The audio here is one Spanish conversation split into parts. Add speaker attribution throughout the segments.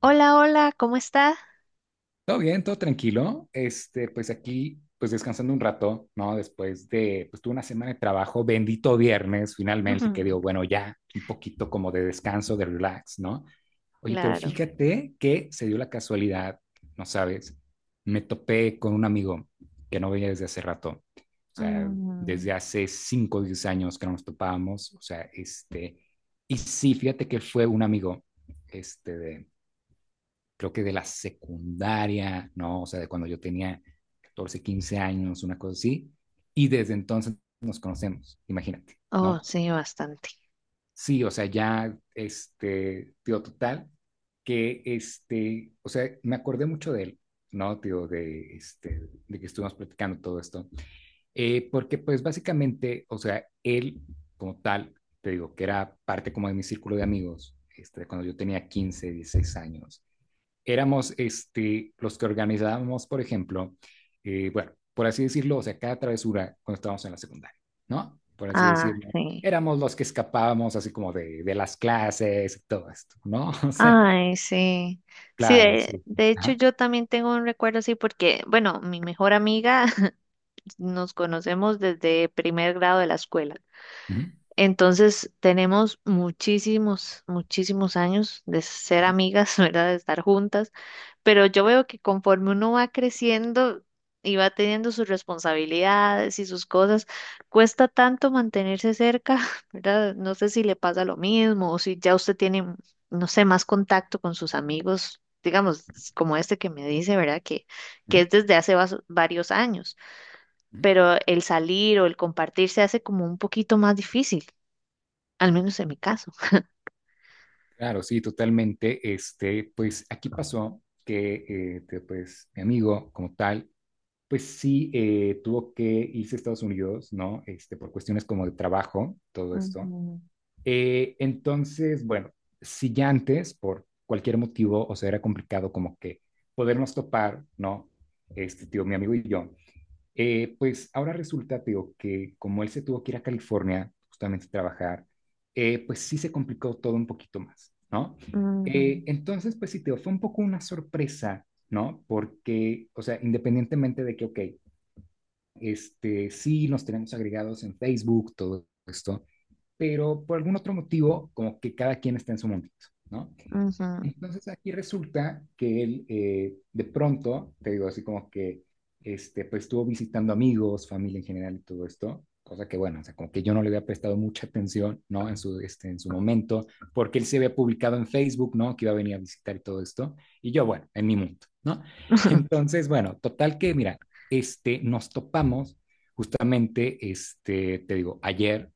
Speaker 1: Hola, hola, ¿cómo está?
Speaker 2: Todo bien, todo tranquilo. Pues aquí, pues descansando un rato, ¿no? Después de, pues tuve una semana de trabajo, bendito viernes, finalmente, que
Speaker 1: Ujú.
Speaker 2: digo, bueno, ya un poquito como de descanso, de relax, ¿no? Oye, pero
Speaker 1: Claro.
Speaker 2: fíjate que se dio la casualidad, no sabes, me topé con un amigo que no veía desde hace rato, o sea, desde
Speaker 1: Mm.
Speaker 2: hace 5, o 10 años que no nos topábamos, o sea, y sí, fíjate que fue un amigo, este, de, creo que de la secundaria, ¿no? O sea, de cuando yo tenía 14, 15 años, una cosa así. Y desde entonces nos conocemos, imagínate,
Speaker 1: Oh,
Speaker 2: ¿no?
Speaker 1: sí, bastante.
Speaker 2: Sí, o sea, ya, tío, total, que, o sea, me acordé mucho de él, ¿no? Tío, de que estuvimos platicando todo esto. Porque, pues, básicamente, o sea, él como tal, te digo, que era parte como de mi círculo de amigos, cuando yo tenía 15, 16 años éramos los que organizábamos, por ejemplo, bueno, por así decirlo, o sea, cada travesura cuando estábamos en la secundaria, ¿no? Por así
Speaker 1: Ah,
Speaker 2: decirlo.
Speaker 1: sí.
Speaker 2: Éramos los que escapábamos así como de las clases y todo esto, ¿no? O sea,
Speaker 1: Ay, sí. Sí,
Speaker 2: claro,
Speaker 1: de,
Speaker 2: sí.
Speaker 1: de hecho
Speaker 2: Ajá.
Speaker 1: yo también tengo un recuerdo así porque, bueno, mi mejor amiga nos conocemos desde primer grado de la escuela.
Speaker 2: Ujú,
Speaker 1: Entonces tenemos muchísimos, muchísimos años de ser amigas, ¿verdad? De estar juntas, pero yo veo que conforme uno va creciendo y va teniendo sus responsabilidades y sus cosas, cuesta tanto mantenerse cerca, ¿verdad? No sé si le pasa lo mismo o si ya usted tiene, no sé, más contacto con sus amigos, digamos, como este que me dice, ¿verdad?
Speaker 2: ujú,
Speaker 1: Que es desde hace varios años,
Speaker 2: ujú,
Speaker 1: pero el salir o el compartir se hace como un poquito más difícil al
Speaker 2: ujú.
Speaker 1: menos en mi caso.
Speaker 2: Claro, sí, totalmente. Pues aquí pasó que, pues, mi amigo como tal, pues sí, tuvo que irse a Estados Unidos, ¿no? Por cuestiones como de trabajo, todo esto.
Speaker 1: Ujú,
Speaker 2: Entonces, bueno, si ya antes, por cualquier motivo, o sea, era complicado como que podernos topar, ¿no? Este tío, mi amigo y yo, pues ahora resulta, tío, que como él se tuvo que ir a California justamente a trabajar, pues sí se complicó todo un poquito más, ¿no?
Speaker 1: ujú,
Speaker 2: Entonces, pues sí, tío, fue un poco una sorpresa, ¿no? Porque, o sea, independientemente de que, ok, sí, nos tenemos agregados en Facebook, todo esto, pero por algún otro motivo, como que cada quien está en su mundito, ¿no?
Speaker 1: ujú,
Speaker 2: Entonces aquí resulta que él de pronto, te digo así como que, pues estuvo visitando amigos, familia en general y todo esto, cosa que bueno, o sea, como que yo no le había prestado mucha atención, ¿no? En su, en su momento, porque él se había publicado en Facebook, ¿no? Que iba a venir a visitar y todo esto, y yo, bueno, en mi mundo, ¿no?
Speaker 1: ujú.
Speaker 2: Entonces, bueno, total que, mira, nos topamos justamente, te digo, ayer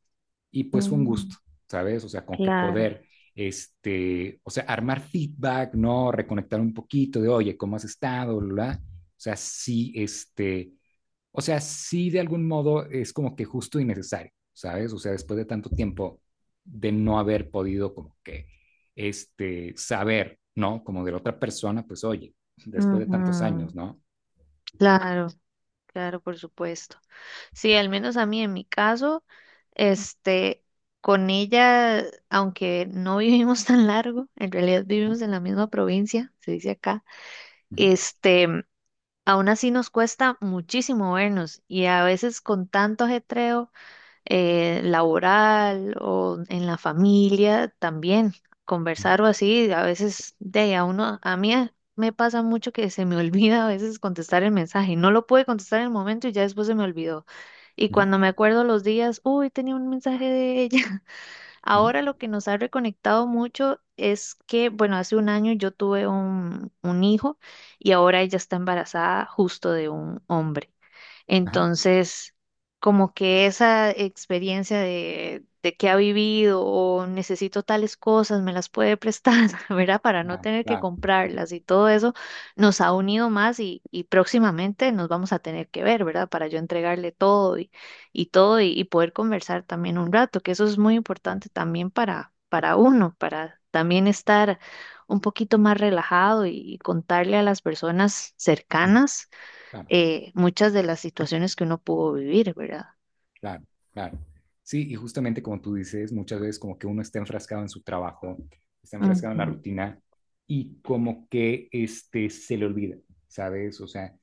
Speaker 2: y pues fue un
Speaker 1: Mm.
Speaker 2: gusto, ¿sabes? O sea, con que
Speaker 1: Claro.
Speaker 2: poder, o sea, armar feedback, ¿no? Reconectar un poquito de, oye, ¿cómo has estado? Bla. O sea, sí, o sea, sí de algún modo es como que justo y necesario, ¿sabes? O sea, después de tanto tiempo de no haber podido como que, saber, ¿no? Como de la otra persona, pues, oye, después de tantos
Speaker 1: Ujú.
Speaker 2: años, ¿no?
Speaker 1: Claro, claro, por supuesto. Sí, al menos a mí en mi caso, este, con ella, aunque no vivimos tan largo, en realidad vivimos en la misma provincia, se dice acá,
Speaker 2: Ujú,
Speaker 1: este, aún así nos cuesta muchísimo vernos y a veces con tanto ajetreo, laboral o en la familia también.
Speaker 2: ujú,
Speaker 1: Conversar o así, a veces de ahí a uno, a mí me pasa mucho que se me olvida a veces contestar el mensaje. No lo pude contestar en el momento y ya después se me olvidó. Y
Speaker 2: ujú,
Speaker 1: cuando me acuerdo los días, uy, tenía un mensaje de ella.
Speaker 2: ujú.
Speaker 1: Ahora lo que nos ha reconectado mucho es que, bueno, hace un año yo tuve un hijo y ahora ella está embarazada justo de un hombre.
Speaker 2: Ajá,
Speaker 1: Entonces, como que esa experiencia de que ha vivido o necesito tales cosas, me las puede prestar, ¿verdad? Para no
Speaker 2: claro,
Speaker 1: tener que
Speaker 2: claro, ujú,
Speaker 1: comprarlas y todo eso nos ha unido más y próximamente nos vamos a tener que ver, ¿verdad? Para yo entregarle todo y todo y poder conversar también un rato, que eso es muy
Speaker 2: claro,
Speaker 1: importante también para uno, para también estar un poquito más relajado y contarle a las personas
Speaker 2: ujú,
Speaker 1: cercanas
Speaker 2: claro.
Speaker 1: muchas de las situaciones que uno pudo vivir, ¿verdad?
Speaker 2: Claro, claro. Sí, y justamente como tú dices, muchas veces como que uno está enfrascado en su trabajo, está enfrascado en la
Speaker 1: Ujú,
Speaker 2: rutina y como que se le olvida, ¿sabes? O sea,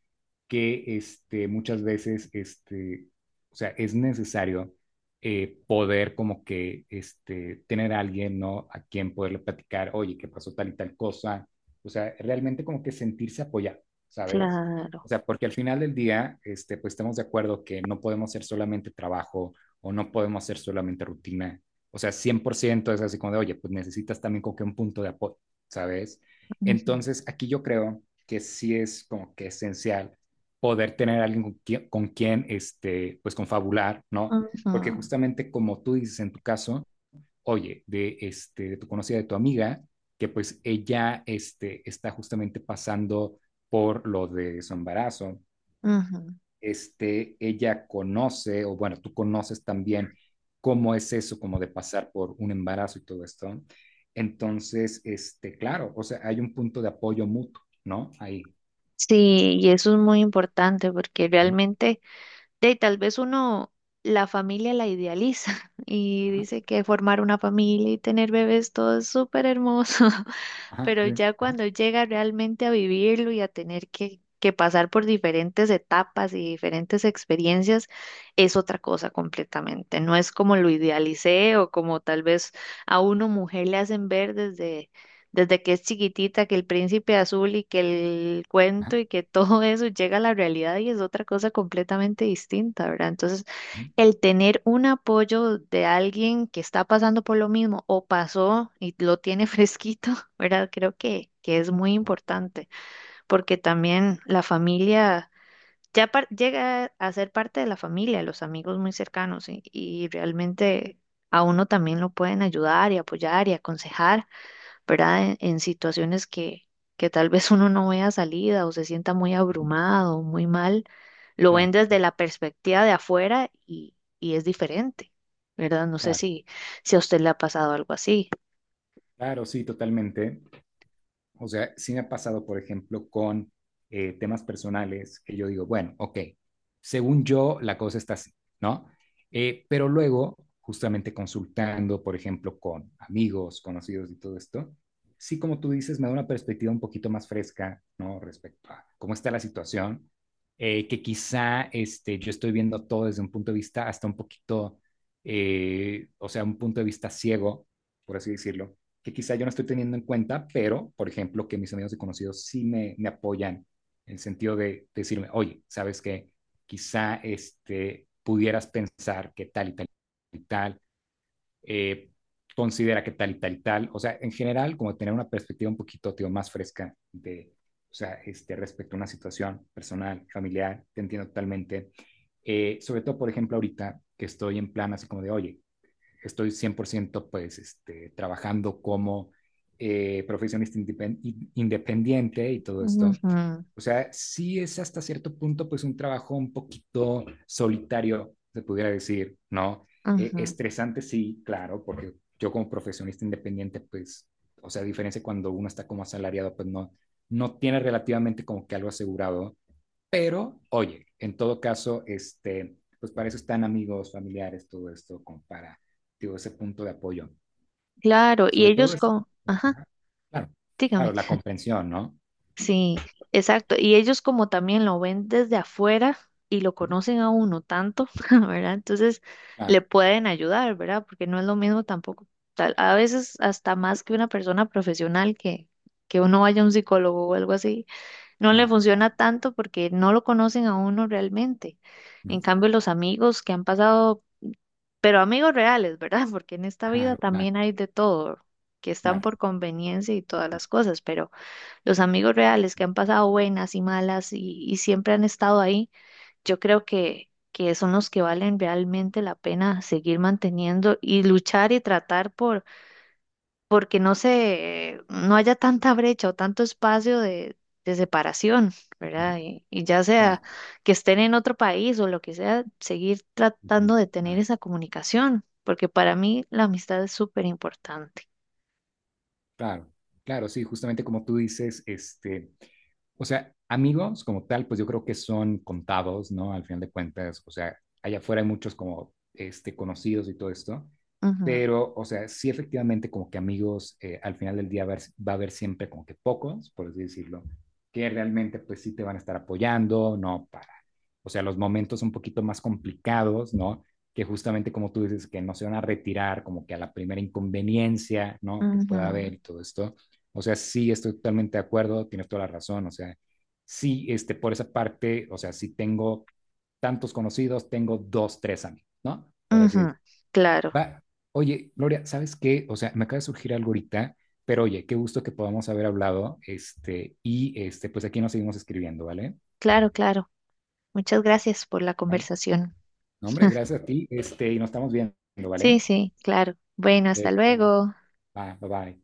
Speaker 2: que muchas veces o sea, es necesario poder como que tener a alguien, ¿no? A quien poderle platicar, oye, ¿qué pasó tal y tal cosa? O sea, realmente como que sentirse apoyado, ¿sabes? O
Speaker 1: claro.
Speaker 2: sea, porque al final del día, pues estamos de acuerdo que no podemos ser solamente trabajo o no podemos ser solamente rutina. O sea, 100% es así como de, oye, pues necesitas también como que un punto de apoyo, ¿sabes?
Speaker 1: Ujú,
Speaker 2: Entonces, aquí yo creo que sí es como que esencial poder tener a alguien con quien, pues confabular, ¿no?
Speaker 1: ujú,
Speaker 2: Porque justamente como tú dices en tu caso, oye, de tu conocida, de tu amiga, que pues ella está justamente pasando por lo de su embarazo,
Speaker 1: ujú.
Speaker 2: ella conoce, o bueno, tú conoces también cómo es eso, como de pasar por un embarazo y todo esto. Entonces, claro, o sea, hay un punto de apoyo mutuo, ¿no? Ahí.
Speaker 1: Sí, y eso es muy importante porque
Speaker 2: Ujú.
Speaker 1: realmente, de ahí tal vez uno la familia la idealiza y
Speaker 2: Ajá,
Speaker 1: dice que formar una familia y tener bebés todo es súper hermoso,
Speaker 2: ajá,
Speaker 1: pero
Speaker 2: sí,
Speaker 1: ya cuando llega realmente a vivirlo y a tener que pasar por diferentes etapas y diferentes experiencias, es otra cosa completamente. No es como lo idealicé o como tal vez a uno mujer le hacen ver desde desde que es chiquitita, que el príncipe azul y que el
Speaker 2: ajá,
Speaker 1: cuento y que todo eso llega a la realidad y es otra cosa completamente distinta, ¿verdad? Entonces,
Speaker 2: ujú,
Speaker 1: el tener un apoyo de alguien que está pasando por lo mismo o pasó y lo tiene fresquito, ¿verdad? Creo que es muy importante porque también la familia... Llega a ser parte de la familia, los amigos muy cercanos y realmente a uno también lo pueden ayudar y apoyar y aconsejar. ¿Verdad? En situaciones que tal vez uno no vea salida o se sienta muy abrumado, muy mal, lo ven
Speaker 2: claro,
Speaker 1: desde la perspectiva de afuera y es diferente, ¿verdad? No sé
Speaker 2: claro,
Speaker 1: si, si a usted le ha pasado algo así.
Speaker 2: claro, sí, totalmente. O sea, sí me ha pasado, por ejemplo, con temas personales que yo digo, bueno, ok, según yo la cosa está así, ¿no? Pero luego, justamente consultando, por ejemplo, con amigos, conocidos y todo esto, sí, como tú dices, me da una perspectiva un poquito más fresca, ¿no? Respecto a cómo está la situación, que quizá yo estoy viendo todo desde un punto de vista hasta un poquito, o sea, un punto de vista ciego, por así decirlo, que quizá yo no estoy teniendo en cuenta, pero, por ejemplo, que mis amigos y conocidos sí me apoyan en el sentido de decirme, oye, ¿sabes que quizá pudieras pensar que tal y tal y tal, eh, considera que tal y tal y tal, o sea, en general, como tener una perspectiva un poquito, tío, más fresca de, o sea, respecto a una situación personal, familiar, te entiendo totalmente. Sobre todo, por ejemplo, ahorita que estoy en plan así como de, oye, estoy 100% pues trabajando como profesionista independiente y todo
Speaker 1: Ujú,
Speaker 2: esto. O sea, sí es hasta cierto punto pues un trabajo un poquito solitario, se pudiera decir, ¿no?
Speaker 1: ujú.
Speaker 2: Estresante sí, claro, porque yo como profesionista independiente pues, o sea, a diferencia cuando uno está como asalariado pues no tiene relativamente como que algo asegurado, pero, oye, en todo caso, pues para eso están amigos, familiares, todo esto, como para, digo, ese punto de apoyo.
Speaker 1: Claro, y
Speaker 2: Sobre todo,
Speaker 1: ellos
Speaker 2: esa-
Speaker 1: con, ajá,
Speaker 2: ajá, claro,
Speaker 1: dígame.
Speaker 2: claro, la comprensión, ¿no?
Speaker 1: Sí, exacto. Y ellos como también lo ven desde afuera y lo
Speaker 2: Ujú.
Speaker 1: conocen a uno tanto, ¿verdad? Entonces
Speaker 2: Claro,
Speaker 1: le pueden ayudar, ¿verdad? Porque no es lo mismo tampoco. A veces hasta más que una persona profesional que uno vaya a un psicólogo o algo así, no le
Speaker 2: claro,
Speaker 1: funciona tanto porque no lo conocen a uno realmente.
Speaker 2: ujú,
Speaker 1: En cambio, los amigos que han pasado, pero amigos reales, ¿verdad? Porque en esta vida
Speaker 2: claro, claro,
Speaker 1: también hay de todo, que están
Speaker 2: claro,
Speaker 1: por conveniencia y todas
Speaker 2: claro,
Speaker 1: las cosas, pero los amigos reales que han pasado buenas y malas y siempre han estado ahí, yo creo que son los que valen realmente la pena seguir manteniendo y luchar y tratar por porque no se, no haya tanta brecha o tanto espacio de separación,
Speaker 2: ujú,
Speaker 1: ¿verdad? Y ya
Speaker 2: claro,
Speaker 1: sea que estén en otro país o lo que sea, seguir
Speaker 2: ujú,
Speaker 1: tratando de tener
Speaker 2: claro.
Speaker 1: esa comunicación, porque para mí la amistad es súper importante.
Speaker 2: Claro, claro, sí, justamente como tú dices, o sea, amigos como tal, pues yo creo que son contados, ¿no? Al final de cuentas, o sea, allá afuera hay muchos como, conocidos y todo esto,
Speaker 1: Ujú,
Speaker 2: pero, o sea, sí efectivamente como que amigos, al final del día haber, va a haber siempre como que pocos, por así decirlo, que realmente pues sí te van a estar apoyando, ¿no? Para, o sea, los momentos un poquito más complicados, ¿no? Que justamente como tú dices, que no se van a retirar como que a la primera inconveniencia, ¿no? Que pueda haber
Speaker 1: ujú,
Speaker 2: y todo esto. O sea, sí, estoy totalmente de acuerdo, tienes toda la razón, o sea, sí, por esa parte, o sea, sí tengo tantos conocidos, tengo dos, tres amigos, ¿no? Por así
Speaker 1: ujú.
Speaker 2: decirlo.
Speaker 1: Claro,
Speaker 2: Va, oye, Gloria, ¿sabes qué? O sea, me acaba de surgir algo ahorita, pero oye, qué gusto que podamos haber hablado, pues aquí nos seguimos escribiendo, ¿vale?
Speaker 1: claro, claro. Muchas gracias por la
Speaker 2: ¿Vale?
Speaker 1: conversación.
Speaker 2: No, hombre, gracias a ti, y nos estamos viendo, ¿vale?
Speaker 1: Sí, sí, claro. Bueno,
Speaker 2: Sí,
Speaker 1: hasta
Speaker 2: nos vemos.
Speaker 1: luego.
Speaker 2: Bye, bye, bye.